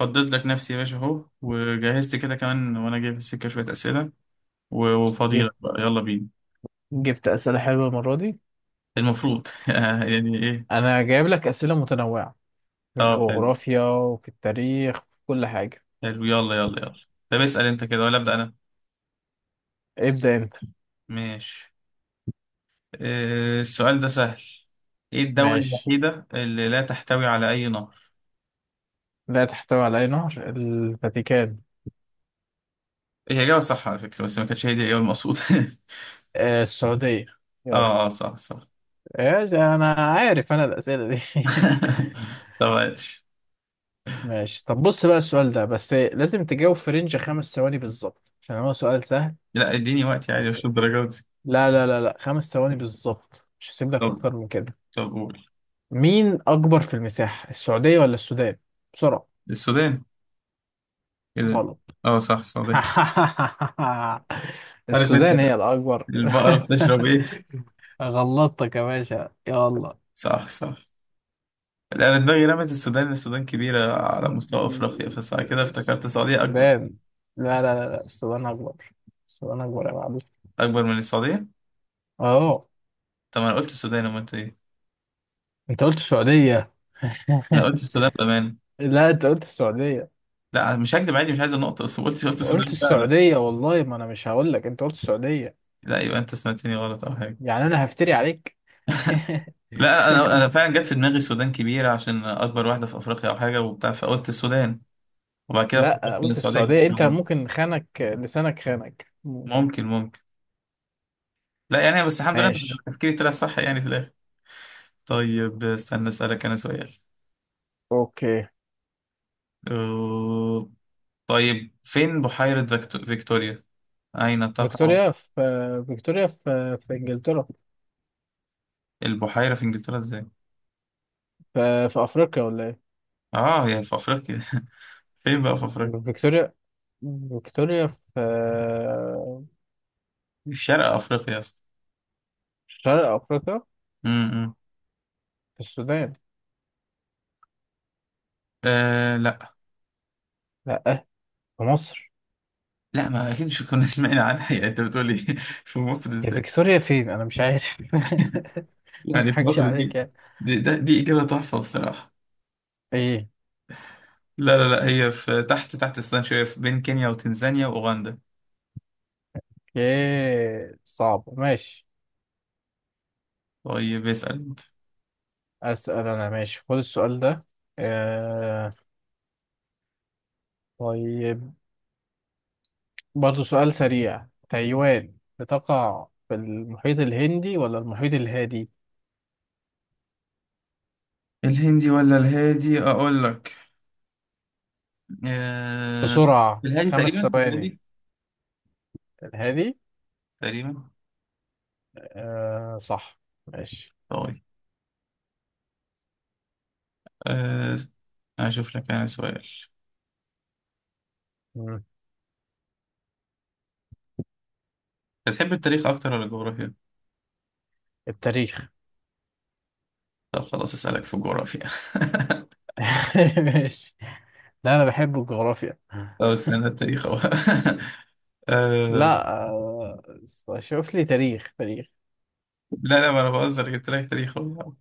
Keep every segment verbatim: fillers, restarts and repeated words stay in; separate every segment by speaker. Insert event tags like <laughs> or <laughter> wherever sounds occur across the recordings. Speaker 1: فضيت لك نفسي يا باشا اهو، وجهزت كده كمان وانا جاي في السكه شويه اسئله و- وفضيلك
Speaker 2: جبت
Speaker 1: بقى. يلا بينا.
Speaker 2: جبت أسئلة حلوة المرة دي.
Speaker 1: المفروض. <laughs> يعني ايه؟
Speaker 2: أنا جايب لك أسئلة متنوعة في
Speaker 1: طب حلو
Speaker 2: الجغرافيا وفي التاريخ في كل حاجة.
Speaker 1: حلو. يلا يلا يلا. طب اسال انت كده ولا ابدا انا؟
Speaker 2: ابدأ أنت.
Speaker 1: ماشي. آه، السؤال ده سهل. ايه الدوله
Speaker 2: ماشي.
Speaker 1: الوحيده اللي لا تحتوي على اي نهر؟
Speaker 2: لا تحتوي على أي نهر، الفاتيكان.
Speaker 1: هي اجابه صح على فكره، بس ما كانتش هي دي الاجابه المقصوده. <laughs>
Speaker 2: آه السعودية. يلا.
Speaker 1: اه اه، صح صح.
Speaker 2: إيش أنا عارف أنا الأسئلة دي. <laughs>
Speaker 1: <laughs> طب ماشي.
Speaker 2: ماشي. طب بص بقى السؤال ده بس لازم تجاوب في رينج خمس ثواني بالظبط عشان هو سؤال سهل.
Speaker 1: لا اديني وقتي عادي،
Speaker 2: بس.
Speaker 1: مش الدرجات دي.
Speaker 2: لا لا لا لا، خمس ثواني بالظبط مش هسيب لك
Speaker 1: طب.
Speaker 2: أكتر من كده.
Speaker 1: طب قول
Speaker 2: مين أكبر في المساحة، السعودية ولا السودان؟ بسرعة.
Speaker 1: السودان. كده.
Speaker 2: غلط.
Speaker 1: اه صح، السودان.
Speaker 2: <laughs>
Speaker 1: عارف انت
Speaker 2: السودان هي الأكبر.
Speaker 1: البقرة
Speaker 2: <laughs>
Speaker 1: بتشرب ايه؟
Speaker 2: غلطتك يا باشا، يلا.
Speaker 1: صح صح. لا، انا دماغي رمت السودان. السودان كبيرة على مستوى افريقيا، بس بعد كده افتكرت السعودية اكبر.
Speaker 2: السودان. لا لا لا لا، السودان أكبر. السودان أكبر يا معلم.
Speaker 1: اكبر من السعودية؟
Speaker 2: أهو.
Speaker 1: طب ما انا قلت السودان، امال انت ايه؟
Speaker 2: أنت قلت السعودية.
Speaker 1: انا قلت السودان بامان.
Speaker 2: <laughs> لا أنت قلت السعودية.
Speaker 1: لا مش هكدب عادي، مش عايز النقطة، بس قلت قلت
Speaker 2: قلت
Speaker 1: السودان فعلا.
Speaker 2: السعودية، والله ما أنا مش هقول لك. أنت قلت السعودية.
Speaker 1: لا يبقى انت سمعتني غلط او حاجة.
Speaker 2: يعني أنا هفتري عليك. <laughs>
Speaker 1: لا انا انا فعلا جت في دماغي السودان كبيرة عشان اكبر واحدة في افريقيا او حاجة وبتاع، فقلت السودان. وبعد كده
Speaker 2: لا
Speaker 1: افتكرت ان
Speaker 2: قلت
Speaker 1: السعودية
Speaker 2: السعودية.
Speaker 1: كبيرة
Speaker 2: أنت
Speaker 1: برضه.
Speaker 2: ممكن خانك لسانك، خانك ممكن.
Speaker 1: ممكن ممكن. لا يعني، بس الحمد لله
Speaker 2: ماشي.
Speaker 1: تفكيري طلع صح يعني في الاخر. طيب استنى اسألك انا سؤال.
Speaker 2: أوكي.
Speaker 1: أه... طيب فين بحيرة فيكتو- فيكتوريا؟ أين تقع؟
Speaker 2: فيكتوريا في فيكتوريا في في انجلترا.
Speaker 1: البحيرة في إنجلترا إزاي؟
Speaker 2: في في افريقيا ولا ايه؟
Speaker 1: آه هي في أفريقيا. <laughs> فين بقى في أفريقيا؟
Speaker 2: فيكتوريا فيكتوريا في
Speaker 1: في شرق أفريقيا يا اسطى.
Speaker 2: في شرق افريقيا.
Speaker 1: امم.
Speaker 2: في السودان.
Speaker 1: آه لا.
Speaker 2: لا. في مصر.
Speaker 1: لا ما أكيد، مش كنا <laughs> سمعنا عنها يعني، أنت بتقولي <laughs> في مصر
Speaker 2: هي
Speaker 1: إزاي؟
Speaker 2: فيكتوريا فين؟ انا مش عارف. <laughs> ما
Speaker 1: يعني في
Speaker 2: اضحكش
Speaker 1: مصر
Speaker 2: عليك
Speaker 1: دي؟
Speaker 2: يعني.
Speaker 1: دي, ده دي إجابة تحفة بصراحة.
Speaker 2: ايه.
Speaker 1: لا لا لا، هي في تحت تحت السودان شوية، في بين كينيا وتنزانيا وأوغندا.
Speaker 2: ايه صعب. ماشي.
Speaker 1: طيب اسأل أنت.
Speaker 2: اسال انا. ماشي، خد السؤال ده. آه... طيب. برضه سؤال سريع. تايوان بتقع في المحيط الهندي ولا المحيط الهادي؟
Speaker 1: الهندي ولا الهادي أقول لك. آه...
Speaker 2: بسرعة،
Speaker 1: الهادي،
Speaker 2: خمس
Speaker 1: تقريبا
Speaker 2: ثواني
Speaker 1: الهادي.
Speaker 2: الهادي.
Speaker 1: تقريبا.
Speaker 2: آه صح. ماشي.
Speaker 1: طيب. أه أشوف لك أنا سؤال.
Speaker 2: مم.
Speaker 1: بتحب التاريخ أكتر ولا الجغرافيا؟
Speaker 2: التاريخ.
Speaker 1: طب خلاص أسألك في الجغرافيا. <laughs>
Speaker 2: <laughs> ماشي. لا أنا بحب الجغرافيا.
Speaker 1: طب استنى، التاريخ أهو. <laughs> أه
Speaker 2: لا آه. شوف لي تاريخ تاريخ.
Speaker 1: لا. لا ما أنا بهزر، جبت لك تاريخ أهو.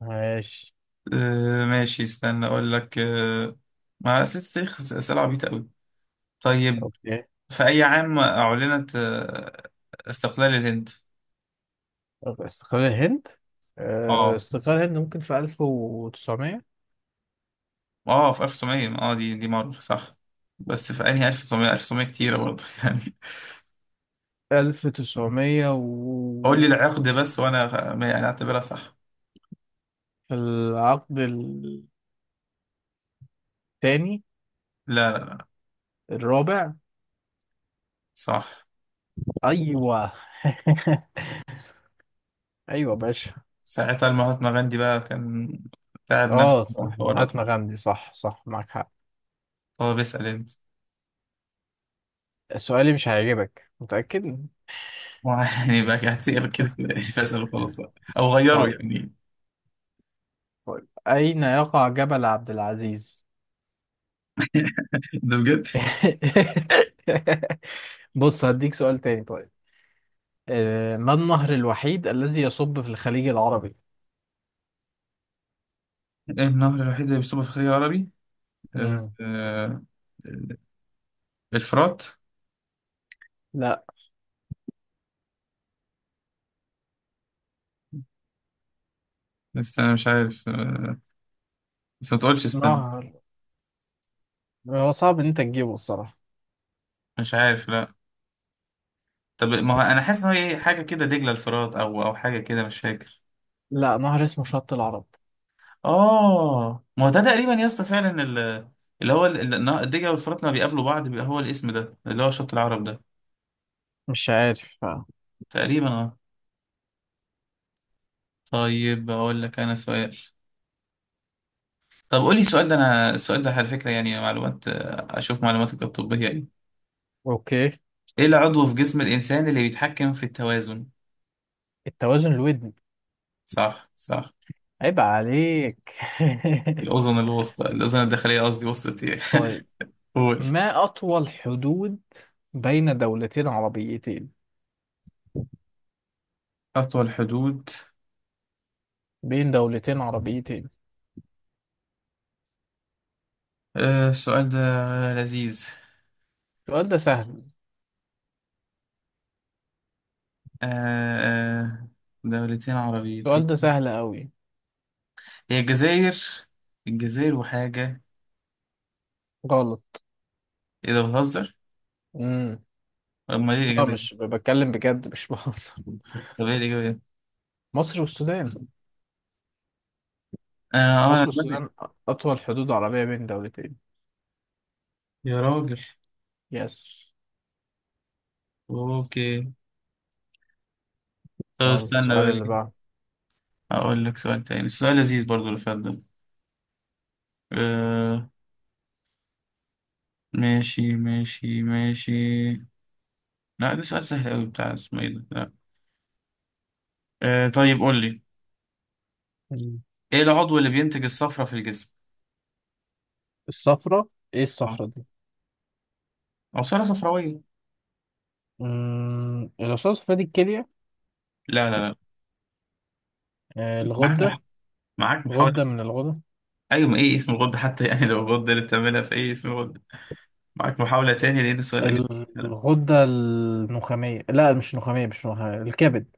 Speaker 2: ماشي.
Speaker 1: أه ماشي، استنى أقول لك. أه، ما أسئلة التاريخ أس- أسئلة عبيطة أوي. طيب،
Speaker 2: أوكي.
Speaker 1: في أي عام أعلنت آه، استقلال الهند؟
Speaker 2: طب استقلال الهند. آه
Speaker 1: أه
Speaker 2: استقلال الهند ممكن في ألف وتسعمية.
Speaker 1: أه، في ألف وتسعمائة. أه دي دي معروفة صح. بس في أنهي ألف وتسعمية؟ ألف وتسعمية كتيرة برضه <laughs> يعني.
Speaker 2: ألف وتسعمية
Speaker 1: قول لي
Speaker 2: و
Speaker 1: العقد بس وانا غ- يعني اعتبرها صح.
Speaker 2: في العقد الثاني.
Speaker 1: لا لا لا.
Speaker 2: الرابع.
Speaker 1: صح.
Speaker 2: أيوه. <laughs> أيوه باشا.
Speaker 1: ساعتها المهاتما غاندي بقى كان تعب نفسه
Speaker 2: اه صح.
Speaker 1: وحوارات.
Speaker 2: هاتنا غمدي صح صح معاك حق.
Speaker 1: طب اسال انت.
Speaker 2: سؤالي مش هيعجبك، متأكد.
Speaker 1: <laughs> يعني بقى هتسير كده كده يعني، فاسال وخلاص بقى، او غيره
Speaker 2: طيب
Speaker 1: يعني.
Speaker 2: طيب. أين يقع جبل عبد العزيز؟
Speaker 1: <laughs> ده بجد.
Speaker 2: <laughs> بص هديك سؤال تاني. طيب. آه، ما النهر الوحيد الذي يصب في الخليج العربي؟
Speaker 1: النهر الوحيد اللي بيصب في الخليج العربي. آه،
Speaker 2: مم.
Speaker 1: آه، الفرات.
Speaker 2: لا.
Speaker 1: استنى، مش عارف. آه، بس ما تقولش استنى.
Speaker 2: نهر. هو صعب ان انت تجيبه الصراحة.
Speaker 1: مش عارف لا. طب ما هو انا حاسس ان هو إيه، حاجه كده، دجله الفرات او او حاجه كده، مش فاكر.
Speaker 2: لا نهر اسمه شط العرب.
Speaker 1: اه ما هو ده تقريبا يا اسطى فعلا، ال- اللي هو ال- ال- الدجله والفرات لما بيقابلوا بعض بيبقى هو الاسم ده، اللي هو شط العرب ده.
Speaker 2: مش عارف آه.
Speaker 1: تقريبا اه. طيب اقول لك انا سؤال. طب قول لي السؤال ده. انا السؤال ده على فكره يعني معلومات، آه، اشوف معلوماتك الطبيه ايه.
Speaker 2: اوكي.
Speaker 1: ايه العضو في جسم الانسان اللي بيتحكم في التوازن؟
Speaker 2: التوازن الودني.
Speaker 1: صح صح.
Speaker 2: عيب عليك.
Speaker 1: الاذن الوسطى، الاذن الداخليه قصدي. وسطى ايه؟
Speaker 2: <laughs> طيب.
Speaker 1: <laughs> قول.
Speaker 2: ما أطول حدود بين دولتين عربيتين؟
Speaker 1: اطول حدود.
Speaker 2: بين دولتين عربيتين.
Speaker 1: آه السؤال ده لذيذ.
Speaker 2: السؤال ده سهل.
Speaker 1: آه آه دولتين
Speaker 2: السؤال
Speaker 1: عربيتين.
Speaker 2: ده سهل أوي.
Speaker 1: هي الجزائر. الجزائر وحاجة.
Speaker 2: غلط.
Speaker 1: ايه ده، بتهزر؟
Speaker 2: امم.
Speaker 1: امال ايه
Speaker 2: لا
Speaker 1: الإجابة
Speaker 2: مش
Speaker 1: دي؟
Speaker 2: بتكلم بجد، مش <laughs> بهزر.
Speaker 1: طب ايه الإجابة دي؟
Speaker 2: مصر والسودان.
Speaker 1: انا اه انا
Speaker 2: مصر والسودان،
Speaker 1: دلوقتي.
Speaker 2: أطول حدود عربية بين دولتين.
Speaker 1: يا راجل.
Speaker 2: يس.
Speaker 1: اوكي. طب
Speaker 2: يلا
Speaker 1: استنى
Speaker 2: السؤال اللي
Speaker 1: بقى.
Speaker 2: بعده.
Speaker 1: اقول لك سؤال تاني. السؤال لذيذ برضو اللي فات ده. آه ماشي ماشي ماشي. لا ده سؤال سهل قوي بتاع اسمه ايه ده. لا. آه طيب قول لي.
Speaker 2: مم.
Speaker 1: ايه العضو اللي بينتج الصفرة في الجسم؟
Speaker 2: الصفرة. إيه
Speaker 1: آه،
Speaker 2: الصفرة دي؟
Speaker 1: عصارة صفراوية.
Speaker 2: امم الأصوات الصفرا دي الكلية.
Speaker 1: لا لا لا.
Speaker 2: آه،
Speaker 1: معاك
Speaker 2: الغدة.
Speaker 1: مح... معاك محاولة.
Speaker 2: غدة من الغدة.
Speaker 1: ايوه، ما ايه اسم الغدة حتى يعني، لو الغدة اللي بتعملها في ايه، اسم الغدة؟ معاك محاولة تانية، لأن السؤال إجابة فعلا.
Speaker 2: الغدة النخامية. لا مش نخامية مش نخامية، الكبد.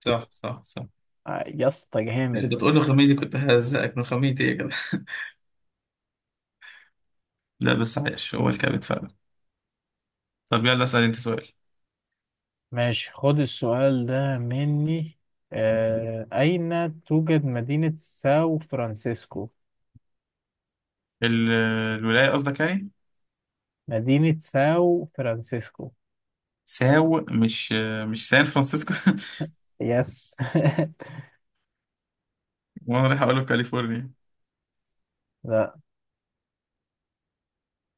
Speaker 1: صح صح صح.
Speaker 2: آه، يا اسطى جامد.
Speaker 1: كنت تقول له خميني دي كنت ههزقك من خمينتي، إيه كده. <laughs> لا بس عايش هو الكابت فعلا. طب يلا اسأل أنت سؤال.
Speaker 2: ماشي خد السؤال ده مني. آه، أين توجد مدينة ساو فرانسيسكو؟
Speaker 1: ال- الولاية قصدك يعني.
Speaker 2: مدينة ساو فرانسيسكو.
Speaker 1: ساو مش، مش سان فرانسيسكو؟
Speaker 2: يس.
Speaker 1: <laughs> وأنا رايح أقوله كاليفورنيا.
Speaker 2: <laughs> لا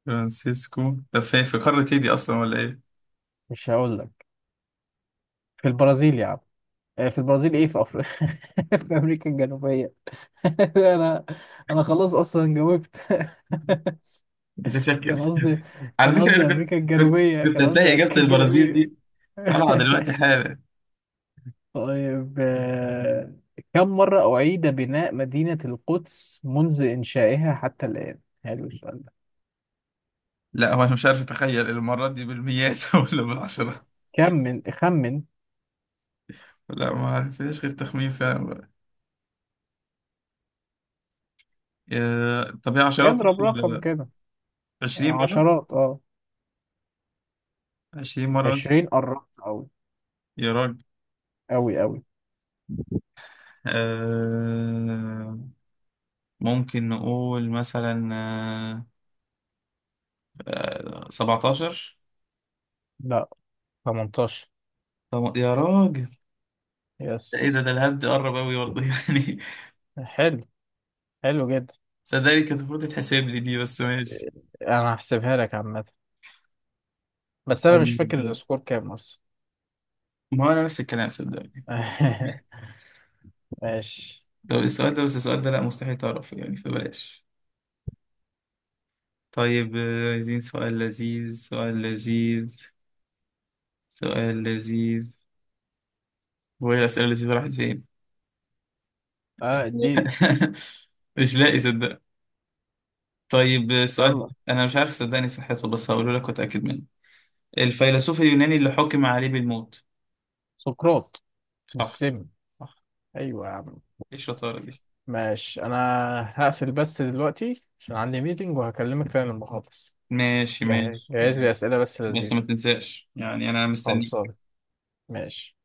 Speaker 1: فرانسيسكو، طب فين في قارة إيه دي أصلا ولا إيه؟
Speaker 2: مش هقول لك. في البرازيل يا عم. آه، في البرازيل. ايه في افريقيا. <laughs> في امريكا الجنوبية. <laughs> انا انا خلاص اصلا جاوبت. <laughs>
Speaker 1: بتفكر.
Speaker 2: كان قصدي.
Speaker 1: <laughs> على
Speaker 2: كان
Speaker 1: فكرة
Speaker 2: قصدي
Speaker 1: أنا كنت
Speaker 2: امريكا
Speaker 1: كنت
Speaker 2: الجنوبية،
Speaker 1: كنت
Speaker 2: كان قصدي
Speaker 1: هتلاقي
Speaker 2: امريكا
Speaker 1: إجابة البرازيل
Speaker 2: الجنوبية.
Speaker 1: دي طالعة دلوقتي
Speaker 2: <laughs>
Speaker 1: حالا.
Speaker 2: طيب آه، كم مرة أعيد بناء مدينة القدس منذ إنشائها حتى الآن؟ حلو السؤال ده.
Speaker 1: لا هو أنا مش عارف أتخيل المرات دي بالمئات <laughs> ولا بالعشرة.
Speaker 2: كم، من خمن.
Speaker 1: لا ما فيهاش غير تخمين فعلا. آه، طب هي عشرات
Speaker 2: اضرب رقم
Speaker 1: ال-
Speaker 2: كده.
Speaker 1: عشرين مرة.
Speaker 2: عشرات اه
Speaker 1: عشرين مرة مثلا.
Speaker 2: عشرين قربت أوي.
Speaker 1: يا راجل.
Speaker 2: أوي أوي.
Speaker 1: آه، ممكن نقول مثلا آه، آه، سبعتاشر.
Speaker 2: لا. تمنتاشر.
Speaker 1: طب يا راجل.
Speaker 2: يس.
Speaker 1: ده ايه ده، ده الهبد دي قرب اوي برضه <laughs> يعني.
Speaker 2: حلو. حلو جدا.
Speaker 1: صدقني كانت المفروض تتحسب لي دي، بس ماشي.
Speaker 2: انا هحسبها لك عامة. بس انا مش فاكر
Speaker 1: طيب.
Speaker 2: السكور كام اصلا.
Speaker 1: ما هو انا نفس الكلام صدقني.
Speaker 2: <laughs> ماشي.
Speaker 1: لو السؤال ده، بس السؤال ده لا، مستحيل تعرف يعني فبلاش. طيب آه، عايزين سؤال لذيذ، سؤال لذيذ، سؤال لذيذ. وهي الأسئلة اللذيذة راحت فين؟
Speaker 2: اه دي.
Speaker 1: <laughs> مش لاقي صدق. طيب سؤال
Speaker 2: يلا.
Speaker 1: انا مش عارف صدقني صحته، بس هقوله لك واتاكد منه. الفيلسوف اليوناني اللي حكم عليه بالموت؟
Speaker 2: سقراط.
Speaker 1: صح.
Speaker 2: بالسم.
Speaker 1: صح.
Speaker 2: ايوه يا عم.
Speaker 1: ايه الشطاره دي.
Speaker 2: ماشي. انا هقفل بس دلوقتي عشان عندي ميتنج وهكلمك تاني لما اخلص.
Speaker 1: ماشي
Speaker 2: جهز
Speaker 1: ماشي.
Speaker 2: جهز لي اسئله بس
Speaker 1: بس ما
Speaker 2: لذيذه.
Speaker 1: تنساش يعني، انا مستني.
Speaker 2: خلصان. ماشي